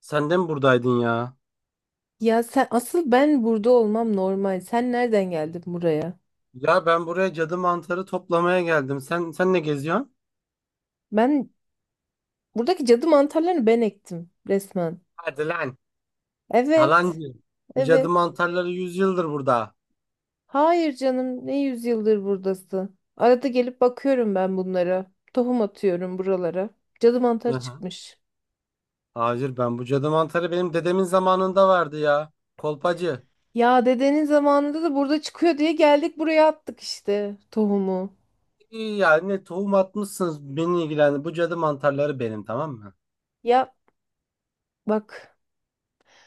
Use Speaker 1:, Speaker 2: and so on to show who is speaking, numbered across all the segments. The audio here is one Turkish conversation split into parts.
Speaker 1: Sen de mi buradaydın ya?
Speaker 2: Ya sen asıl, ben burada olmam normal. Sen nereden geldin buraya?
Speaker 1: Ya ben buraya cadı mantarı toplamaya geldim. Sen ne geziyorsun?
Speaker 2: Ben buradaki cadı mantarlarını ben ektim resmen.
Speaker 1: Hadi lan.
Speaker 2: Evet.
Speaker 1: Yalancı. Bu cadı
Speaker 2: Evet.
Speaker 1: mantarları 100 yıldır burada.
Speaker 2: Hayır canım, ne yüzyıldır buradasın. Arada gelip bakıyorum ben bunlara. Tohum atıyorum buralara. Cadı
Speaker 1: Hı
Speaker 2: mantarı
Speaker 1: hı.
Speaker 2: çıkmış.
Speaker 1: Hayır, ben bu cadı mantarı benim dedemin zamanında vardı ya. Kolpacı.
Speaker 2: Ya dedenin zamanında da burada çıkıyor diye geldik, buraya attık işte tohumu.
Speaker 1: İyi, yani tohum atmışsınız beni ilgilendi. Bu cadı mantarları benim, tamam mı?
Speaker 2: Ya bak.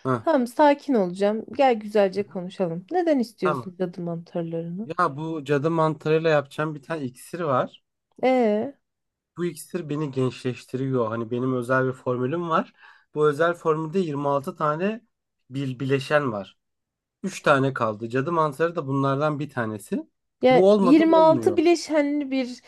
Speaker 1: Hı.
Speaker 2: Tamam, sakin olacağım. Gel
Speaker 1: Hı
Speaker 2: güzelce
Speaker 1: hı.
Speaker 2: konuşalım. Neden
Speaker 1: Tamam.
Speaker 2: istiyorsun cadı mantarlarını?
Speaker 1: Ya bu cadı mantarıyla yapacağım bir tane iksir var.
Speaker 2: Ee?
Speaker 1: Bu iksir beni gençleştiriyor. Hani benim özel bir formülüm var. Bu özel formülde 26 tane bir bileşen var. Üç tane kaldı. Cadı mantarı da bunlardan bir tanesi.
Speaker 2: Ya
Speaker 1: Bu olmadan
Speaker 2: 26
Speaker 1: olmuyor.
Speaker 2: bileşenli bir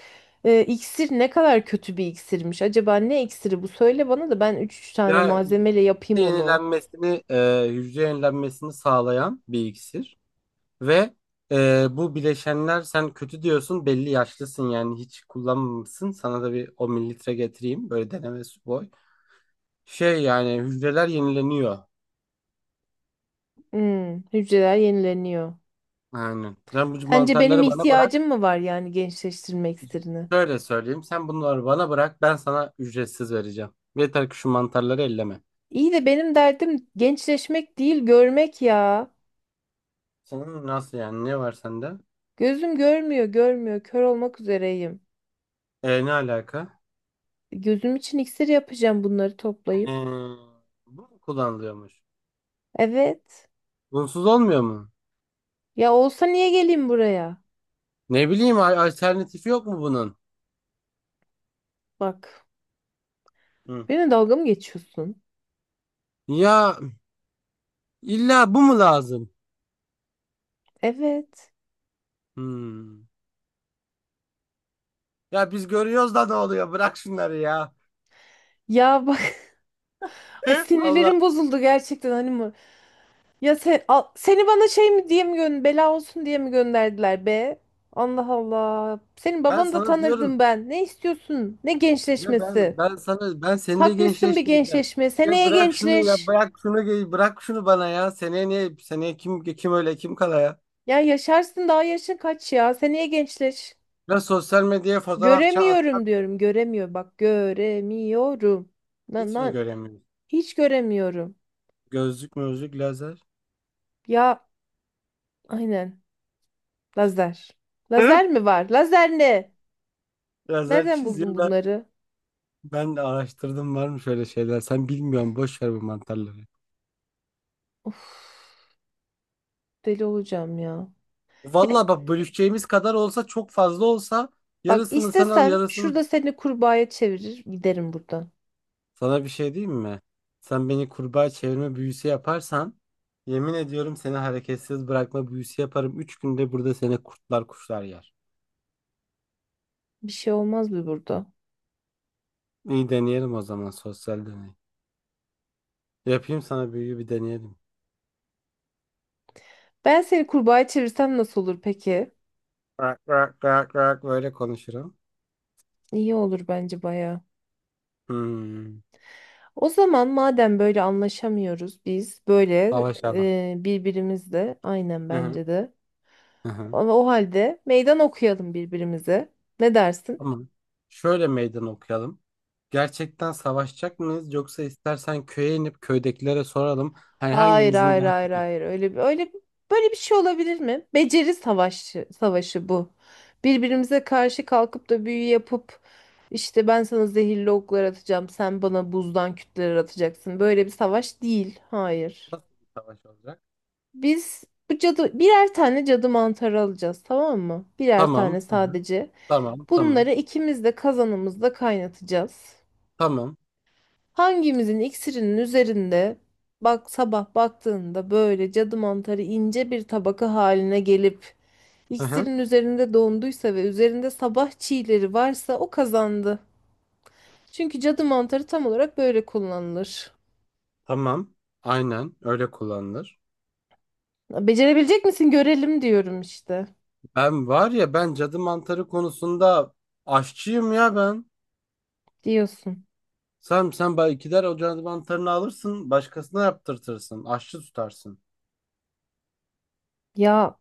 Speaker 2: iksir, ne kadar kötü bir iksirmiş. Acaba ne iksiri bu? Söyle bana da ben üç tane
Speaker 1: Ya
Speaker 2: malzemeyle
Speaker 1: hücre
Speaker 2: yapayım onu.
Speaker 1: yenilenmesini, hücre yenilenmesini sağlayan bir iksir ve bu bileşenler sen kötü diyorsun, belli yaşlısın, yani hiç kullanmamışsın. Sana da bir 10 mililitre getireyim, böyle deneme su boy. Şey, yani hücreler yenileniyor.
Speaker 2: Hmm, hücreler yenileniyor.
Speaker 1: Yani sen bu
Speaker 2: Sence benim
Speaker 1: mantarları bana bırak.
Speaker 2: ihtiyacım mı var yani gençleştirme iksirini?
Speaker 1: Şöyle söyleyeyim. Sen bunları bana bırak. Ben sana ücretsiz vereceğim. Yeter ki şu mantarları elleme.
Speaker 2: İyi de benim derdim gençleşmek değil, görmek ya.
Speaker 1: Senin nasıl yani? Ne var sende?
Speaker 2: Gözüm görmüyor, görmüyor. Kör olmak üzereyim.
Speaker 1: E, ne alaka?
Speaker 2: Gözüm için iksir yapacağım bunları
Speaker 1: E,
Speaker 2: toplayıp.
Speaker 1: bu mu kullanılıyormuş?
Speaker 2: Evet.
Speaker 1: Bunsuz olmuyor mu?
Speaker 2: Ya olsa niye geleyim buraya?
Speaker 1: Ne bileyim, alternatifi yok mu bunun?
Speaker 2: Bak.
Speaker 1: Hı.
Speaker 2: Benimle dalga mı geçiyorsun?
Speaker 1: Ya illa bu mu lazım?
Speaker 2: Evet.
Speaker 1: Hmm. Ya biz görüyoruz da ne oluyor? Bırak şunları ya.
Speaker 2: Ya bak, ay
Speaker 1: Allah.
Speaker 2: sinirlerim bozuldu gerçekten, hani mı? Ya sen, seni bana şey mi diye mi, gön bela olsun diye mi gönderdiler be? Allah Allah. Senin
Speaker 1: Ben
Speaker 2: babanı da
Speaker 1: sana
Speaker 2: tanırdım
Speaker 1: diyorum.
Speaker 2: ben. Ne istiyorsun? Ne
Speaker 1: Ya
Speaker 2: gençleşmesi?
Speaker 1: ben sana ben seni de
Speaker 2: Takmışsın bir
Speaker 1: gençleştireceğim.
Speaker 2: gençleşme.
Speaker 1: Ya
Speaker 2: Seneye
Speaker 1: bırak şunu, ya
Speaker 2: gençleş.
Speaker 1: bırak şunu, bırak şunu bana ya. Seneye niye seneye kim kim öyle kim kala ya?
Speaker 2: Ya yaşarsın, daha yaşın kaç ya? Seneye gençleş.
Speaker 1: Ya sosyal medyaya fotoğraf
Speaker 2: Göremiyorum
Speaker 1: atacağım,
Speaker 2: diyorum. Göremiyor, bak göremiyorum. Lan
Speaker 1: hiç mi
Speaker 2: lan,
Speaker 1: göremiyorum?
Speaker 2: hiç göremiyorum.
Speaker 1: Gözlük mözlük lazer.
Speaker 2: Ya aynen. Lazer.
Speaker 1: Hı?
Speaker 2: Lazer mi var? Lazer ne?
Speaker 1: Lazer
Speaker 2: Nereden buldun
Speaker 1: çiziyorlar.
Speaker 2: bunları?
Speaker 1: Ben de araştırdım var mı şöyle şeyler. Sen bilmiyorsun, boş ver bu mantarları.
Speaker 2: Of, deli olacağım ya. Ya
Speaker 1: Valla bak, bölüşeceğimiz kadar olsa, çok fazla olsa
Speaker 2: bak,
Speaker 1: yarısını sen al,
Speaker 2: istesem
Speaker 1: yarısını.
Speaker 2: şurada seni kurbağaya çevirir giderim buradan.
Speaker 1: Sana bir şey diyeyim mi? Sen beni kurbağa çevirme büyüsü yaparsan, yemin ediyorum seni hareketsiz bırakma büyüsü yaparım. Üç günde burada seni kurtlar kuşlar yer.
Speaker 2: Bir şey olmaz mı burada?
Speaker 1: İyi, deneyelim o zaman, sosyal deney. Yapayım sana büyüyü, bir deneyelim.
Speaker 2: Ben seni kurbağaya çevirsem nasıl olur peki?
Speaker 1: Rak rak rak rak böyle konuşurum.
Speaker 2: İyi olur bence baya.
Speaker 1: Hmm.
Speaker 2: O zaman madem böyle anlaşamıyoruz biz, böyle
Speaker 1: Savaşalım.
Speaker 2: birbirimizle, aynen
Speaker 1: Hı hı.
Speaker 2: bence de.
Speaker 1: Hı hı.
Speaker 2: Ama o halde meydan okuyalım birbirimize. Ne dersin?
Speaker 1: Tamam. Şöyle meydan okuyalım. Gerçekten savaşacak mıyız, yoksa istersen köye inip köydekilere soralım. Hani
Speaker 2: Hayır
Speaker 1: hangimizin
Speaker 2: hayır
Speaker 1: daha
Speaker 2: hayır
Speaker 1: çok
Speaker 2: hayır, öyle bir öyle böyle bir şey olabilir mi? Beceri savaşı bu. Birbirimize karşı kalkıp da büyü yapıp işte, ben sana zehirli oklar atacağım, sen bana buzdan kütleler atacaksın. Böyle bir savaş değil. Hayır.
Speaker 1: nasıl bir savaş olacak?
Speaker 2: Biz bu cadı birer tane cadı mantarı alacağız, tamam mı? Birer tane
Speaker 1: Tamam.
Speaker 2: sadece.
Speaker 1: Tamam, tamam.
Speaker 2: Bunları ikimiz de kazanımızda kaynatacağız.
Speaker 1: Tamam.
Speaker 2: Hangimizin iksirinin üzerinde, bak sabah baktığında böyle cadı mantarı ince bir tabaka haline gelip
Speaker 1: Hı hı.
Speaker 2: iksirin üzerinde donduysa ve üzerinde sabah çiğleri varsa, o kazandı. Çünkü cadı mantarı tam olarak böyle kullanılır.
Speaker 1: Tamam. Aynen öyle kullanılır.
Speaker 2: Becerebilecek misin görelim diyorum işte.
Speaker 1: Ben var ya, ben cadı mantarı konusunda aşçıyım ya ben.
Speaker 2: Diyorsun.
Speaker 1: Sen bay gider o cadı mantarını alırsın, başkasına yaptırtırsın, aşçı tutarsın.
Speaker 2: Ya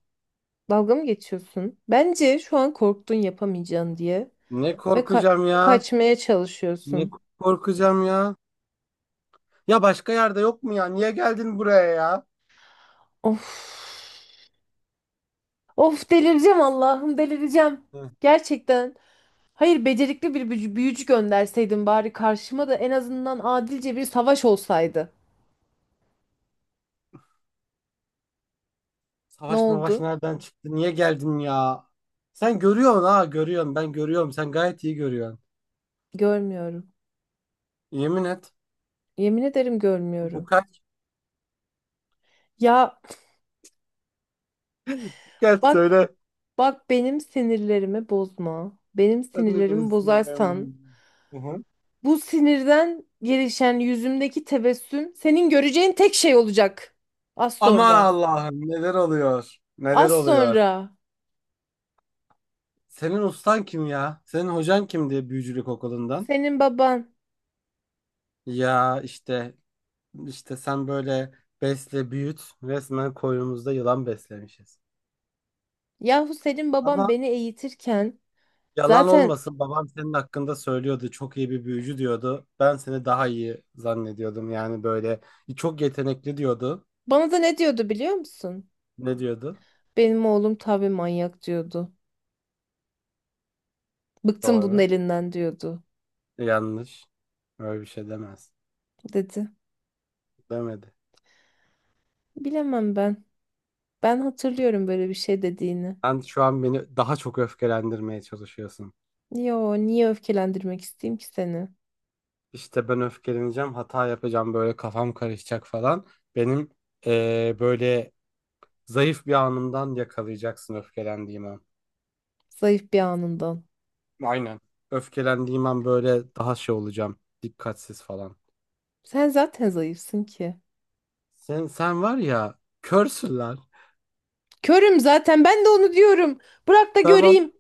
Speaker 2: dalga mı geçiyorsun? Bence şu an korktun yapamayacağın diye
Speaker 1: Ne
Speaker 2: ve ka-
Speaker 1: korkacağım ya?
Speaker 2: kaçmaya
Speaker 1: Ne
Speaker 2: çalışıyorsun.
Speaker 1: korkacağım ya? Ya başka yerde yok mu ya? Niye geldin buraya ya?
Speaker 2: Of. Of, delireceğim Allah'ım, delireceğim.
Speaker 1: Hı.
Speaker 2: Gerçekten. Hayır, becerikli bir büyücü gönderseydin bari karşıma, da en azından adilce bir savaş olsaydı. Ne
Speaker 1: Savaş mavaş
Speaker 2: oldu?
Speaker 1: nereden çıktı? Niye geldin ya? Sen görüyorsun ha, görüyorsun. Ben görüyorum. Sen gayet iyi görüyorsun.
Speaker 2: Görmüyorum.
Speaker 1: Yemin et.
Speaker 2: Yemin ederim
Speaker 1: Bu
Speaker 2: görmüyorum.
Speaker 1: kaç?
Speaker 2: Ya
Speaker 1: Gel
Speaker 2: bak,
Speaker 1: söyle.
Speaker 2: benim sinirlerimi bozma. Benim
Speaker 1: Sen de beni
Speaker 2: sinirlerimi
Speaker 1: sinirden
Speaker 2: bozarsan
Speaker 1: bozdun. Hı hı.
Speaker 2: bu sinirden gelişen yüzümdeki tebessüm senin göreceğin tek şey olacak. Az
Speaker 1: Aman
Speaker 2: sonra.
Speaker 1: Allah'ım, neler oluyor? Neler
Speaker 2: Az
Speaker 1: oluyor?
Speaker 2: sonra.
Speaker 1: Senin ustan kim ya? Senin hocan kimdi büyücülük okulundan?
Speaker 2: Senin baban.
Speaker 1: Ya işte, işte sen böyle besle büyüt, resmen koynumuzda yılan beslemişiz.
Speaker 2: Yahu senin babam
Speaker 1: Ama
Speaker 2: beni eğitirken
Speaker 1: yalan
Speaker 2: zaten
Speaker 1: olmasın, babam senin hakkında söylüyordu. Çok iyi bir büyücü diyordu. Ben seni daha iyi zannediyordum. Yani böyle çok yetenekli diyordu.
Speaker 2: bana da ne diyordu biliyor musun?
Speaker 1: Ne diyordu?
Speaker 2: Benim oğlum tabii manyak diyordu. Bıktım bunun
Speaker 1: Doğru.
Speaker 2: elinden diyordu,
Speaker 1: Yanlış. Öyle bir şey demez.
Speaker 2: dedi.
Speaker 1: Demedi.
Speaker 2: Bilemem ben. Ben hatırlıyorum böyle bir şey dediğini.
Speaker 1: Sen şu an beni daha çok öfkelendirmeye çalışıyorsun.
Speaker 2: Yo, niye öfkelendirmek isteyeyim ki seni?
Speaker 1: İşte ben öfkeleneceğim, hata yapacağım, böyle kafam karışacak falan. Benim böyle zayıf bir anımdan yakalayacaksın, öfkelendiğim an.
Speaker 2: Zayıf bir anından.
Speaker 1: Aynen. Öfkelendiğim an böyle daha şey olacağım, dikkatsiz falan.
Speaker 2: Sen zaten zayıfsın ki.
Speaker 1: Sen var ya, körsün lan.
Speaker 2: Körüm zaten, ben de onu diyorum. Bırak da
Speaker 1: Tamam.
Speaker 2: göreyim.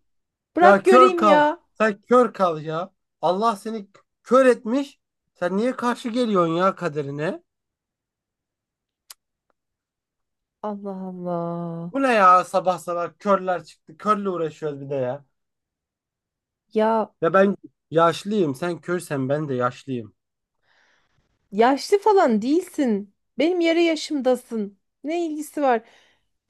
Speaker 1: Ya
Speaker 2: Bırak
Speaker 1: kör
Speaker 2: göreyim
Speaker 1: kal.
Speaker 2: ya.
Speaker 1: Sen kör kal ya. Allah seni kör etmiş. Sen niye karşı geliyorsun ya kaderine?
Speaker 2: Allah Allah.
Speaker 1: Bu ne ya, sabah sabah körler çıktı. Körle uğraşıyoruz bir de ya.
Speaker 2: Ya,
Speaker 1: Ya ben yaşlıyım. Sen körsen ben de yaşlıyım.
Speaker 2: yaşlı falan değilsin. Benim yarı yaşımdasın. Ne ilgisi var?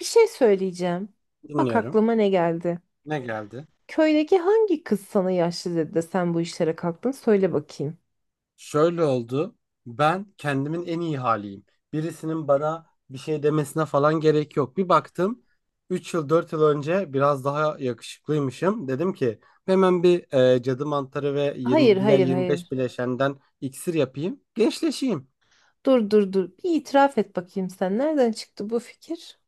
Speaker 2: Bir şey söyleyeceğim. Bak
Speaker 1: Dinliyorum.
Speaker 2: aklıma ne geldi.
Speaker 1: Ne geldi?
Speaker 2: Köydeki hangi kız sana yaşlı dedi de sen bu işlere kalktın? Söyle bakayım.
Speaker 1: Şöyle oldu. Ben kendimin en iyi haliyim. Birisinin bana bir şey demesine falan gerek yok. Bir baktım 3 yıl 4 yıl önce biraz daha yakışıklıymışım. Dedim ki hemen bir cadı mantarı ve
Speaker 2: Hayır,
Speaker 1: 20, diğer
Speaker 2: hayır,
Speaker 1: 25
Speaker 2: hayır.
Speaker 1: bileşenden iksir yapayım. Gençleşeyim.
Speaker 2: Dur, dur, dur. Bir itiraf et bakayım sen. Nereden çıktı bu fikir?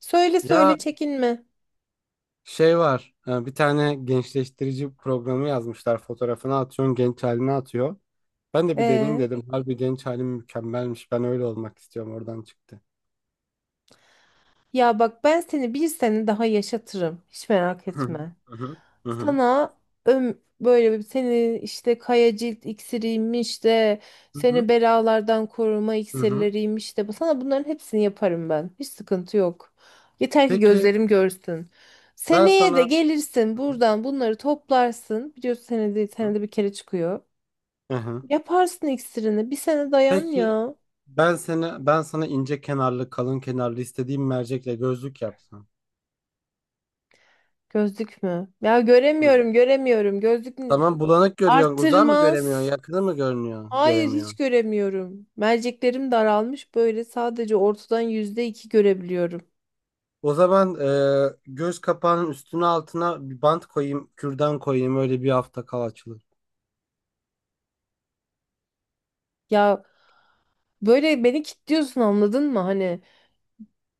Speaker 2: Söyle,
Speaker 1: Ya
Speaker 2: söyle, çekinme.
Speaker 1: şey var. Bir tane gençleştirici programı yazmışlar. Fotoğrafını atıyorsun, genç halini atıyor. Ben de bir deneyeyim
Speaker 2: Ee?
Speaker 1: dedim. Harbi genç halim mükemmelmiş. Ben öyle olmak istiyorum. Oradan çıktı.
Speaker 2: Ya bak, ben seni bir sene daha yaşatırım. Hiç merak
Speaker 1: Hı hı,
Speaker 2: etme.
Speaker 1: hı hı, hı hı,
Speaker 2: Sana böyle bir, seni işte kaya cilt iksiriymiş de
Speaker 1: hı hı,
Speaker 2: seni belalardan koruma
Speaker 1: hı hı.
Speaker 2: iksirleriymiş de sana bunların hepsini yaparım ben. Hiç sıkıntı yok. Yeter ki
Speaker 1: Peki
Speaker 2: gözlerim görsün.
Speaker 1: ben
Speaker 2: Seneye de
Speaker 1: sana.
Speaker 2: gelirsin
Speaker 1: Hı hı,
Speaker 2: buradan bunları toplarsın. Biliyorsun
Speaker 1: hı hı.
Speaker 2: senede bir kere çıkıyor.
Speaker 1: Hı hı.
Speaker 2: Yaparsın iksirini. Bir sene dayan
Speaker 1: Peki
Speaker 2: ya.
Speaker 1: ben sana ince kenarlı, kalın kenarlı istediğim mercekle gözlük yapsam.
Speaker 2: Gözlük mü? Ya
Speaker 1: Hı.
Speaker 2: göremiyorum, göremiyorum. Gözlük
Speaker 1: Tamam, bulanık görüyorsun. Uzağı mı göremiyorsun?
Speaker 2: arttırmaz.
Speaker 1: Yakını mı görünüyor?
Speaker 2: Hayır, hiç
Speaker 1: Göremiyor.
Speaker 2: göremiyorum. Merceklerim daralmış, böyle sadece ortadan %2 görebiliyorum.
Speaker 1: O zaman göz kapağının üstüne altına bir bant koyayım, kürdan koyayım. Öyle bir hafta kal, açılır.
Speaker 2: Ya böyle beni kilitliyorsun, anladın mı? Hani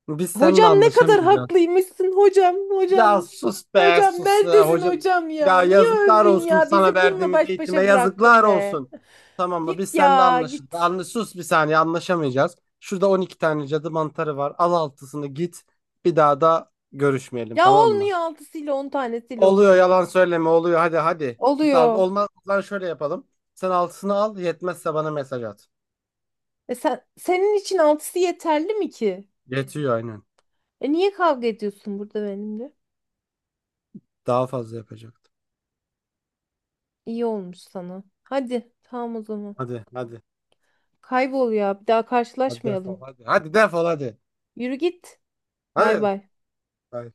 Speaker 1: Biz seninle
Speaker 2: hocam, ne kadar
Speaker 1: anlaşamayacağız.
Speaker 2: haklıymışsın hocam,
Speaker 1: Ya
Speaker 2: hocam.
Speaker 1: sus be,
Speaker 2: Hocam
Speaker 1: sus ya
Speaker 2: neredesin
Speaker 1: hoca.
Speaker 2: hocam ya?
Speaker 1: Ya
Speaker 2: Niye
Speaker 1: yazıklar
Speaker 2: öldün
Speaker 1: olsun,
Speaker 2: ya?
Speaker 1: sana
Speaker 2: Bizi bununla
Speaker 1: verdiğimiz
Speaker 2: baş
Speaker 1: eğitime
Speaker 2: başa bıraktın
Speaker 1: yazıklar
Speaker 2: be.
Speaker 1: olsun. Tamam mı? Biz
Speaker 2: Git
Speaker 1: seninle
Speaker 2: ya
Speaker 1: anlaşıldı.
Speaker 2: git.
Speaker 1: Anla, sus bir saniye, anlaşamayacağız. Şurada 12 tane cadı mantarı var. Al altısını, git. Bir daha da görüşmeyelim,
Speaker 2: Ya
Speaker 1: tamam mı?
Speaker 2: olmuyor altısıyla, on tanesiyle
Speaker 1: Oluyor,
Speaker 2: oluyor be.
Speaker 1: yalan söyleme, oluyor. Hadi hadi. Git al.
Speaker 2: Oluyor.
Speaker 1: Olmaz. Lan şöyle yapalım. Sen altısını al. Yetmezse bana mesaj at.
Speaker 2: E sen, senin için altısı yeterli mi ki?
Speaker 1: Yetiyor aynen.
Speaker 2: E niye kavga ediyorsun burada benimle?
Speaker 1: Daha fazla yapacaktım.
Speaker 2: İyi olmuş sana. Hadi tamam o zaman.
Speaker 1: Hadi hadi.
Speaker 2: Kaybol ya. Bir daha
Speaker 1: Hadi defol
Speaker 2: karşılaşmayalım.
Speaker 1: hadi. Hadi defol hadi.
Speaker 2: Yürü git. Bay
Speaker 1: Hadi.
Speaker 2: bay.
Speaker 1: Hayır.